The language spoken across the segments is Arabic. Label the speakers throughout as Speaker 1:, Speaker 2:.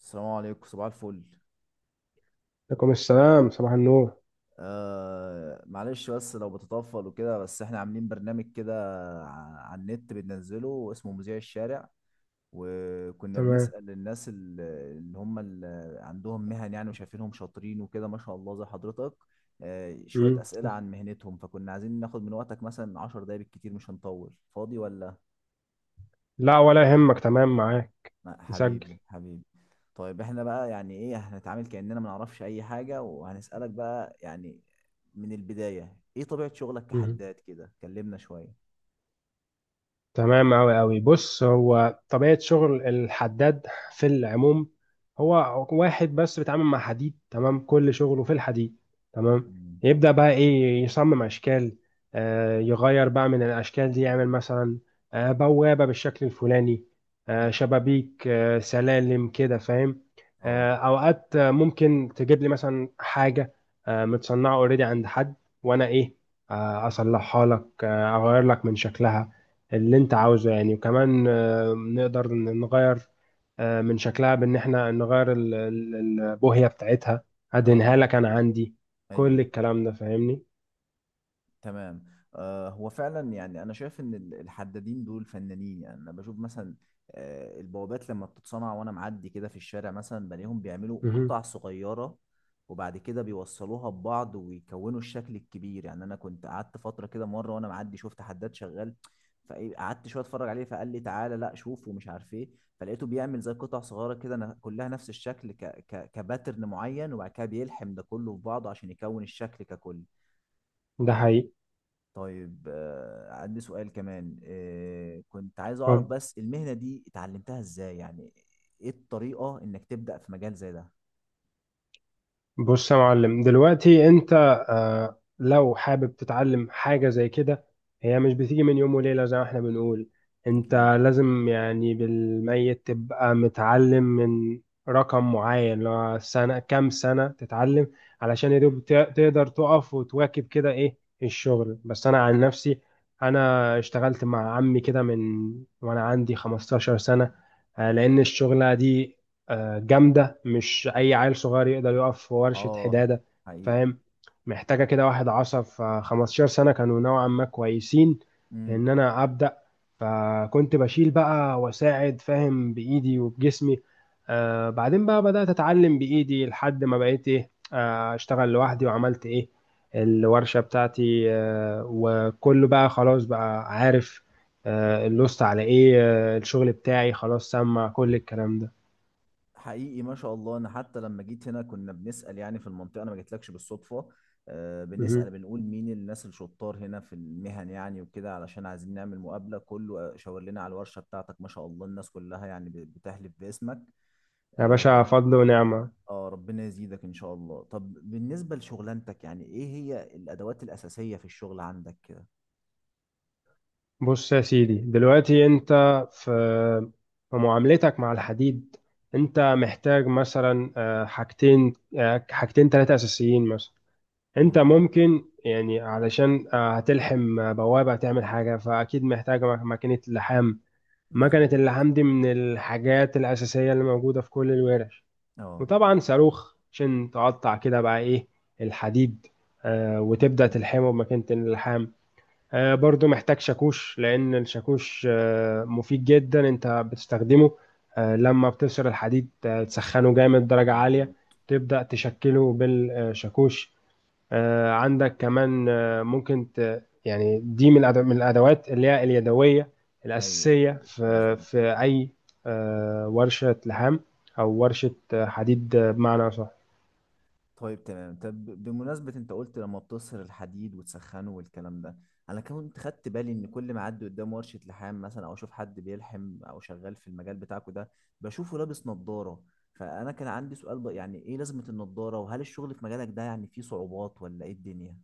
Speaker 1: السلام عليكم صباح الفل.
Speaker 2: عليكم السلام، صباح النور.
Speaker 1: معلش بس لو بتطفل وكده، بس احنا عاملين برنامج كده على النت بننزله اسمه مذيع الشارع، وكنا
Speaker 2: تمام.
Speaker 1: بنسأل الناس اللي هم اللي عندهم مهن يعني وشايفينهم شاطرين وكده، ما شاء الله، زي حضرتك. شوية
Speaker 2: مم.
Speaker 1: أسئلة عن مهنتهم، فكنا عايزين ناخد من وقتك مثلا 10 دقايق بالكتير، مش هنطول. فاضي ولا؟
Speaker 2: لا، ولا يهمك، تمام، معاك. نسجل.
Speaker 1: حبيبي حبيبي. طيب احنا بقى يعني ايه، هنتعامل كأننا ما نعرفش اي حاجة وهنسألك بقى يعني من البداية، ايه طبيعة شغلك
Speaker 2: مم.
Speaker 1: كحداد؟ كده كلمنا شوية.
Speaker 2: تمام أوي أوي. بص، هو طبيعة شغل الحداد في العموم هو واحد بس بيتعامل مع حديد، تمام، كل شغله في الحديد، تمام.
Speaker 1: مم.
Speaker 2: يبدأ بقى إيه، يصمم أشكال، يغير بقى من الأشكال دي، يعمل مثلا بوابة بالشكل الفلاني،
Speaker 1: مم.
Speaker 2: شبابيك، سلالم، كده فاهم.
Speaker 1: اه
Speaker 2: أوقات ممكن تجيب لي مثلا حاجة متصنعة أوريدي عند حد، وأنا إيه، أصلحها لك، أغير لك من شكلها اللي انت عاوزه يعني. وكمان نقدر نغير من شكلها، بان احنا نغير البوهية بتاعتها، هدهنها
Speaker 1: اه.
Speaker 2: لك، انا عندي كل
Speaker 1: ايوه،
Speaker 2: الكلام ده، فاهمني.
Speaker 1: تمام. هو فعلا يعني انا شايف ان الحدادين دول فنانين، يعني انا بشوف مثلا البوابات لما بتتصنع، وانا معدي كده في الشارع مثلا بلاقيهم بيعملوا
Speaker 2: مهم.
Speaker 1: قطع صغيرة، وبعد كده بيوصلوها ببعض ويكونوا الشكل الكبير. يعني انا كنت قعدت فترة كده مرة وانا معدي، شفت حداد شغال فقعدت شوية اتفرج عليه، فقال لي تعالى لا شوف ومش عارف ايه. فلقيته بيعمل زي قطع صغيرة كده كلها نفس الشكل ك ك كباترن معين، وبعد كده بيلحم ده كله في بعضه عشان يكون الشكل ككل.
Speaker 2: ده حقيقي.
Speaker 1: طيب، عندي سؤال كمان. كنت عايز اعرف بس المهنة دي اتعلمتها ازاي يعني، ايه الطريقة انك تبدأ في مجال زي ده؟
Speaker 2: بص يا معلم، دلوقتي انت لو حابب تتعلم حاجة زي كده، هي مش بتيجي من يوم وليلة زي ما احنا بنقول. انت
Speaker 1: اكيد.
Speaker 2: لازم يعني بالميت تبقى متعلم من رقم معين، اللي هو سنة، كام سنة تتعلم، علشان يا دوب تقدر تقف وتواكب كده ايه الشغل. بس انا عن نفسي، انا اشتغلت مع عمي كده من وانا عندي 15 سنة، لان الشغلة دي جامدة، مش أي عيل صغير يقدر يقف في ورشة
Speaker 1: اه.
Speaker 2: حدادة،
Speaker 1: حقيقي.
Speaker 2: فاهم. محتاجة كده واحد عصب، فخمستاشر سنة كانوا نوعا ما كويسين
Speaker 1: امم.
Speaker 2: إن أنا أبدأ. فكنت بشيل بقى وأساعد، فاهم، بإيدي وبجسمي. بعدين بقى بدأت أتعلم بإيدي لحد ما بقيت إيه أشتغل لوحدي، وعملت إيه، الورشة بتاعتي، وكله بقى خلاص، بقى عارف اللوست على إيه، الشغل بتاعي، خلاص سمع كل الكلام ده.
Speaker 1: حقيقي، ما شاء الله. انا حتى لما جيت هنا كنا بنسأل يعني في المنطقة، انا ما جيتلكش بالصدفة. بنسأل
Speaker 2: مهم.
Speaker 1: بنقول مين الناس الشطار هنا في المهن يعني وكده، علشان عايزين نعمل مقابلة، كله شاور لنا على الورشة بتاعتك. ما شاء الله، الناس كلها يعني بتحلف باسمك.
Speaker 2: يا
Speaker 1: آه،
Speaker 2: باشا، فضل ونعمة.
Speaker 1: اه، ربنا يزيدك ان شاء الله. طب بالنسبة لشغلانتك، يعني ايه هي الادوات الاساسية في الشغل عندك كده؟
Speaker 2: بص يا سيدي، دلوقتي انت في في معاملتك مع الحديد، انت محتاج مثلا حاجتين حاجتين ثلاثة أساسيين مثلا. انت
Speaker 1: مم.
Speaker 2: ممكن يعني، علشان هتلحم بوابة، تعمل حاجة، فأكيد محتاج ماكينة لحام. ماكينة
Speaker 1: مظبوط.
Speaker 2: اللحام دي من الحاجات الأساسية اللي موجودة في كل الورش.
Speaker 1: اه،
Speaker 2: وطبعا صاروخ، عشان تقطع كده بقى ايه الحديد، وتبدأ تلحمه بماكينة اللحام. برضو محتاج شاكوش، لأن الشاكوش مفيد جدا. أنت بتستخدمه لما بتبشر الحديد، تسخنه
Speaker 1: مظبوط
Speaker 2: جامد درجة عالية،
Speaker 1: مظبوط.
Speaker 2: تبدأ تشكله بالشاكوش. عندك كمان ممكن يعني دي من من الأدوات اللي هي اليدوية
Speaker 1: ايوه
Speaker 2: الأساسية
Speaker 1: ايوه،
Speaker 2: في
Speaker 1: مظبوط.
Speaker 2: في أي ورشة لحام، أو ورشة حديد بمعنى أصح.
Speaker 1: طيب تمام. طب بمناسبة انت قلت لما بتصهر الحديد وتسخنه والكلام ده، انا كنت خدت بالي ان كل ما اعدي قدام ورشة لحام مثلا او اشوف حد بيلحم او شغال في المجال بتاعكوا ده، بشوفه لابس نظارة. فانا كان عندي سؤال بقى، يعني ايه لازمة النظارة؟ وهل الشغل في مجالك ده يعني فيه صعوبات ولا ايه الدنيا؟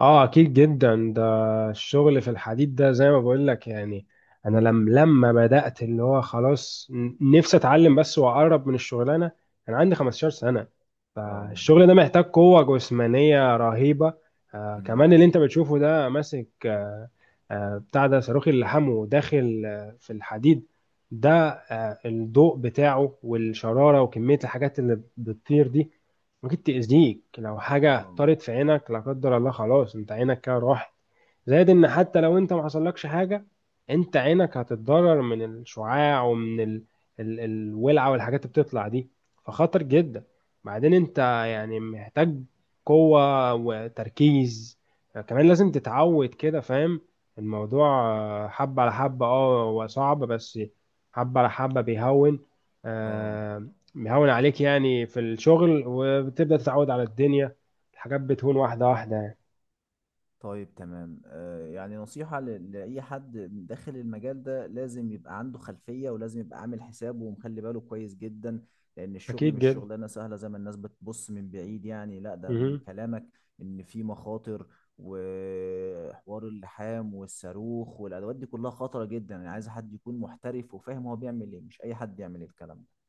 Speaker 2: اه، اكيد جدا. ده الشغل في الحديد ده زي ما بقول لك يعني، انا لم لما بدأت، اللي هو خلاص نفسي اتعلم بس واقرب من الشغلانه، انا عندي 15 سنه.
Speaker 1: اه.
Speaker 2: فالشغل ده محتاج قوه جسمانيه رهيبه.
Speaker 1: مم.
Speaker 2: كمان اللي انت بتشوفه ده ماسك بتاع ده، صاروخ اللي حمو داخل في الحديد ده، الضوء بتاعه والشرارة وكمية الحاجات اللي بتطير دي ممكن تأذيك. لو حاجة
Speaker 1: اه.
Speaker 2: طارت في عينك، لا قدر الله، خلاص انت عينك كده راحت. زائد ان حتى لو انت ما حصلكش حاجة، انت عينك هتتضرر من الشعاع، ومن الولعة والحاجات اللي بتطلع دي، فخطر جدا. بعدين انت يعني محتاج قوة وتركيز. كمان لازم تتعود، كده فاهم. الموضوع حبة على حبة، اه، هو صعب، بس حبة على حبة بيهون.
Speaker 1: اه.
Speaker 2: آه، بيهون عليك يعني في الشغل، وبتبدأ تتعود على الدنيا، الحاجات بتهون واحدة واحدة يعني.
Speaker 1: طيب تمام. يعني نصيحة لأي حد داخل المجال ده، لازم يبقى عنده خلفية ولازم يبقى عامل حسابه ومخلي باله كويس جدا، لأن الشغل
Speaker 2: أكيد
Speaker 1: مش
Speaker 2: جدا.
Speaker 1: شغلانة سهلة زي ما الناس بتبص من بعيد يعني. لا، ده من
Speaker 2: مهم.
Speaker 1: كلامك، إن في مخاطر، وحوار اللحام والصاروخ والأدوات دي كلها خطرة جدا. أنا عايز حد يكون محترف وفاهم هو بيعمل إيه، مش أي حد يعمل الكلام ده.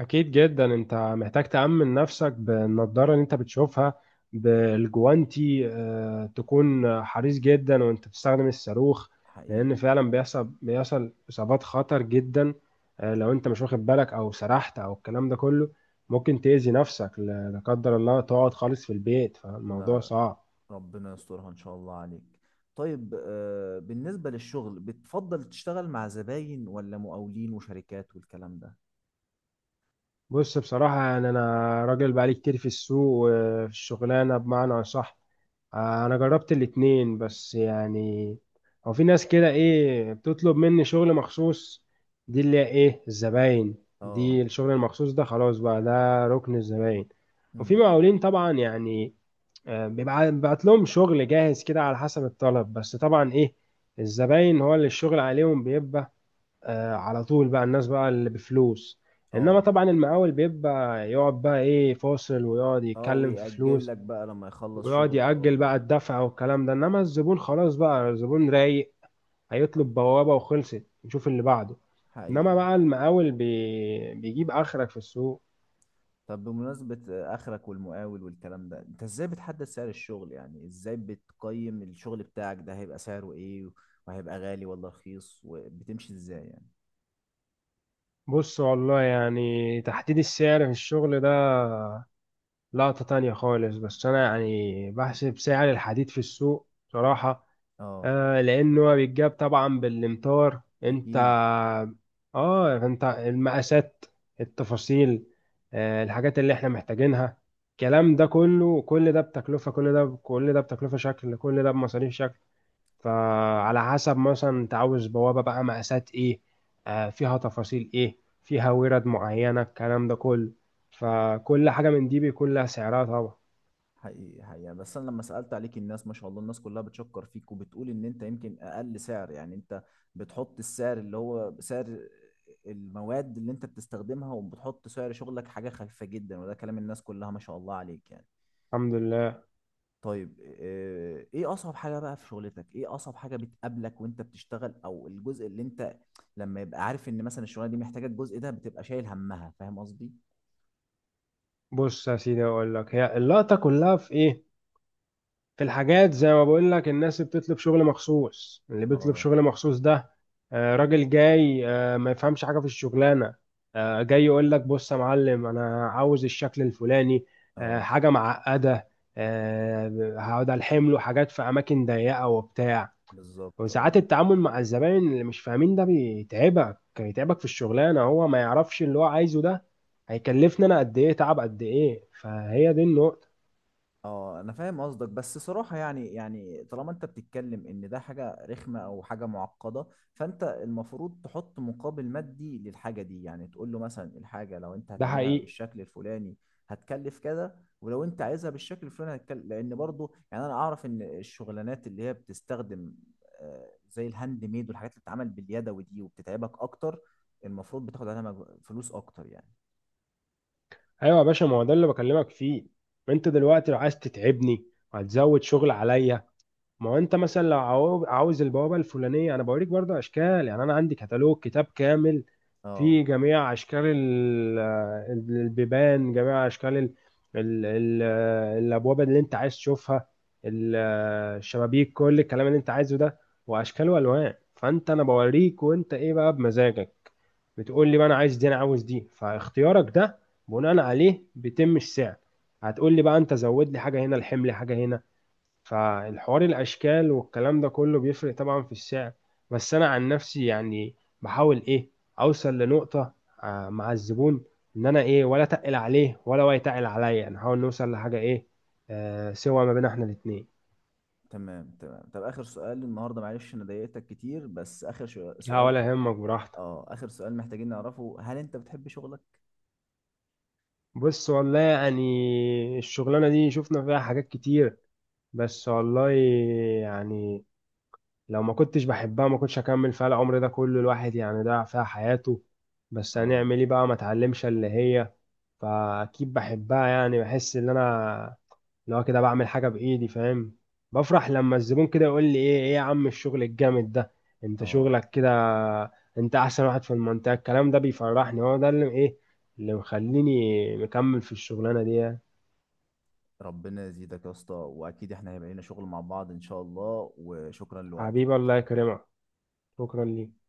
Speaker 2: أكيد جدا، أنت محتاج تأمن نفسك بالنضارة اللي أنت بتشوفها، بالجوانتي، تكون حريص جدا وأنت بتستخدم الصاروخ. لأن
Speaker 1: حقيقي.
Speaker 2: فعلا بيحصل إصابات خطر جدا، لو أنت مش واخد بالك، أو سرحت أو الكلام ده كله، ممكن تأذي نفسك، لا لا قدر الله، تقعد خالص في البيت. فالموضوع
Speaker 1: لا،
Speaker 2: صعب.
Speaker 1: ربنا يسترها ان شاء الله عليك. طيب، بالنسبة للشغل بتفضل تشتغل مع زباين ولا مقاولين وشركات والكلام ده؟
Speaker 2: بص، بصراحة يعني أنا راجل بقالي كتير في السوق، وفي الشغلانة بمعنى أصح، انا جربت الاتنين. بس يعني هو في ناس كده ايه بتطلب مني شغل مخصوص، دي اللي هي ايه الزباين.
Speaker 1: اه.
Speaker 2: دي الشغل المخصوص ده، خلاص بقى، ده ركن الزباين. وفي
Speaker 1: امم.
Speaker 2: مقاولين طبعا يعني بيبعت لهم شغل جاهز كده على حسب الطلب. بس طبعا ايه، الزباين هو اللي الشغل عليهم بيبقى على طول بقى، الناس بقى اللي بفلوس. انما
Speaker 1: اه.
Speaker 2: طبعا المقاول بيبقى يقعد بقى ايه فاصل، ويقعد
Speaker 1: اه،
Speaker 2: يتكلم في
Speaker 1: ويأجل
Speaker 2: فلوس،
Speaker 1: لك بقى لما يخلص
Speaker 2: ويقعد
Speaker 1: شغل،
Speaker 2: يأجل
Speaker 1: اه.
Speaker 2: بقى الدفع والكلام ده. انما الزبون، خلاص بقى، الزبون رايق،
Speaker 1: آه،
Speaker 2: هيطلب بوابة وخلصت، نشوف اللي بعده. انما
Speaker 1: حقيقي.
Speaker 2: بقى المقاول بيجيب اخرك في السوق.
Speaker 1: طب بمناسبة اخرك والمقاول والكلام ده، انت ازاي بتحدد سعر الشغل؟ يعني ازاي بتقيم الشغل بتاعك ده هيبقى سعره ايه، وهيبقى غالي ولا رخيص، وبتمشي ازاي يعني؟
Speaker 2: بص والله، يعني تحديد السعر في الشغل ده لقطة تانية خالص. بس انا يعني بحسب سعر الحديد في السوق بصراحة،
Speaker 1: اه.
Speaker 2: لأنه هو بيتجاب طبعا بالإمطار. أنت
Speaker 1: اكيد.
Speaker 2: أنت المقاسات، التفاصيل، الحاجات اللي إحنا محتاجينها، الكلام ده كله، كل ده بتكلفة، كل ده كل ده بتكلفة شكل، كل ده بمصاريف شكل. فعلى حسب، مثلا أنت عاوز بوابة بقى، مقاسات إيه، فيها تفاصيل إيه، فيها ورد معينة، الكلام ده كله، فكل حاجة من دي بيكون لها سعرها طبعا.
Speaker 1: حقيقي حقيقي. يعني بس انا لما سالت عليك، الناس ما شاء الله الناس كلها بتشكر فيك وبتقول ان انت يمكن اقل سعر، يعني انت بتحط السعر اللي هو سعر المواد اللي انت بتستخدمها، وبتحط سعر شغلك حاجه خفيفه جدا، وده كلام الناس كلها، ما شاء الله عليك يعني.
Speaker 2: الحمد لله.
Speaker 1: طيب، ايه اصعب حاجه بقى في شغلتك؟ ايه اصعب حاجه بتقابلك وانت بتشتغل، او الجزء اللي انت لما يبقى عارف ان مثلا الشغلانه دي محتاجه الجزء ده بتبقى شايل همها؟ فاهم قصدي؟
Speaker 2: بص يا سيدي، أقول لك، هي اللقطة كلها في إيه، في الحاجات زي ما بقول لك، الناس اللي بتطلب شغل مخصوص، اللي بيطلب
Speaker 1: اه.
Speaker 2: شغل مخصوص ده راجل جاي ما يفهمش حاجة في الشغلانة، جاي يقول لك بص يا معلم، انا عاوز الشكل الفلاني،
Speaker 1: اه.
Speaker 2: حاجة معقدة، هقعد الحم له حاجات في اماكن ضيقة وبتاع.
Speaker 1: بالظبط،
Speaker 2: وساعات
Speaker 1: اه.
Speaker 2: التعامل مع الزباين اللي مش فاهمين ده بيتعبك في الشغلانة. هو ما يعرفش اللي هو عايزه ده هيكلفني انا قد ايه تعب، قد ايه. فهي دي النقطة.
Speaker 1: اه انا فاهم قصدك، بس صراحة يعني، يعني طالما انت بتتكلم ان ده حاجة رخمة او حاجة معقدة، فانت المفروض تحط مقابل مادي للحاجة دي، يعني تقول له مثلا الحاجة لو انت
Speaker 2: ده
Speaker 1: هتعملها
Speaker 2: حقيقي.
Speaker 1: بالشكل الفلاني هتكلف كذا، ولو انت عايزها بالشكل الفلاني هتكلف، لان برضو يعني انا اعرف ان الشغلانات اللي هي بتستخدم زي الهاند ميد والحاجات اللي بتتعمل باليدوي دي وبتتعبك اكتر، المفروض بتاخد عليها فلوس اكتر يعني.
Speaker 2: ايوه يا باشا، ما هو ده اللي بكلمك فيه. ما انت دلوقتي لو عايز تتعبني، وهتزود شغل عليا، ما هو انت مثلا لو عاوز البوابه الفلانيه، انا بوريك برضه اشكال يعني. انا عندي كتالوج، كتاب كامل،
Speaker 1: اه
Speaker 2: فيه جميع اشكال البيبان، جميع اشكال ال ال ال الابواب اللي انت عايز تشوفها، ال- الشبابيك، كل الكلام اللي انت عايزه ده، واشكال والوان. فانت انا بوريك، وانت ايه بقى، بمزاجك، بتقول لي بقى انا عايز دي، انا عاوز دي، فاختيارك ده بناء عليه بيتم السعر. هتقول لي بقى انت، زود لي حاجه هنا، الحمل حاجه هنا، فالحوار الاشكال والكلام ده كله بيفرق طبعا في السعر. بس انا عن نفسي يعني بحاول ايه، اوصل لنقطه مع الزبون، ان انا ايه، ولا تقل عليه، ولا هو يتقل عليا، انا حاول نوصل لحاجه ايه سوا ما بين احنا الاتنين.
Speaker 1: تمام تمام. طب آخر سؤال النهارده، معلش أنا ضايقتك كتير، بس آخر
Speaker 2: لا،
Speaker 1: سؤال.
Speaker 2: ولا يهمك، براحتك.
Speaker 1: اه، آخر سؤال محتاجين نعرفه، هل أنت بتحب شغلك؟
Speaker 2: بص والله، يعني الشغلانه دي شفنا فيها حاجات كتير، بس والله يعني لو ما كنتش بحبها، ما كنتش هكمل فيها العمر ده كله، الواحد يعني ضيع فيها حياته. بس
Speaker 1: اه.
Speaker 2: هنعمل ايه بقى، ما اتعلمش اللي هي. فاكيد بحبها، يعني بحس ان انا لو كده بعمل حاجة بايدي، فاهم، بفرح لما الزبون كده يقول لي ايه، ايه يا عم الشغل الجامد ده، انت
Speaker 1: اه.
Speaker 2: شغلك كده، انت احسن واحد في المنطقة. الكلام ده بيفرحني، هو ده اللي ايه اللي مخليني مكمل في الشغلانة دي يعني.
Speaker 1: ربنا يزيدك يا اسطى، وأكيد احنا هيبقى لنا شغل مع بعض إن شاء الله، وشكرا
Speaker 2: حبيبي،
Speaker 1: لوقتك.
Speaker 2: الله يكرمك. شكرا ليك.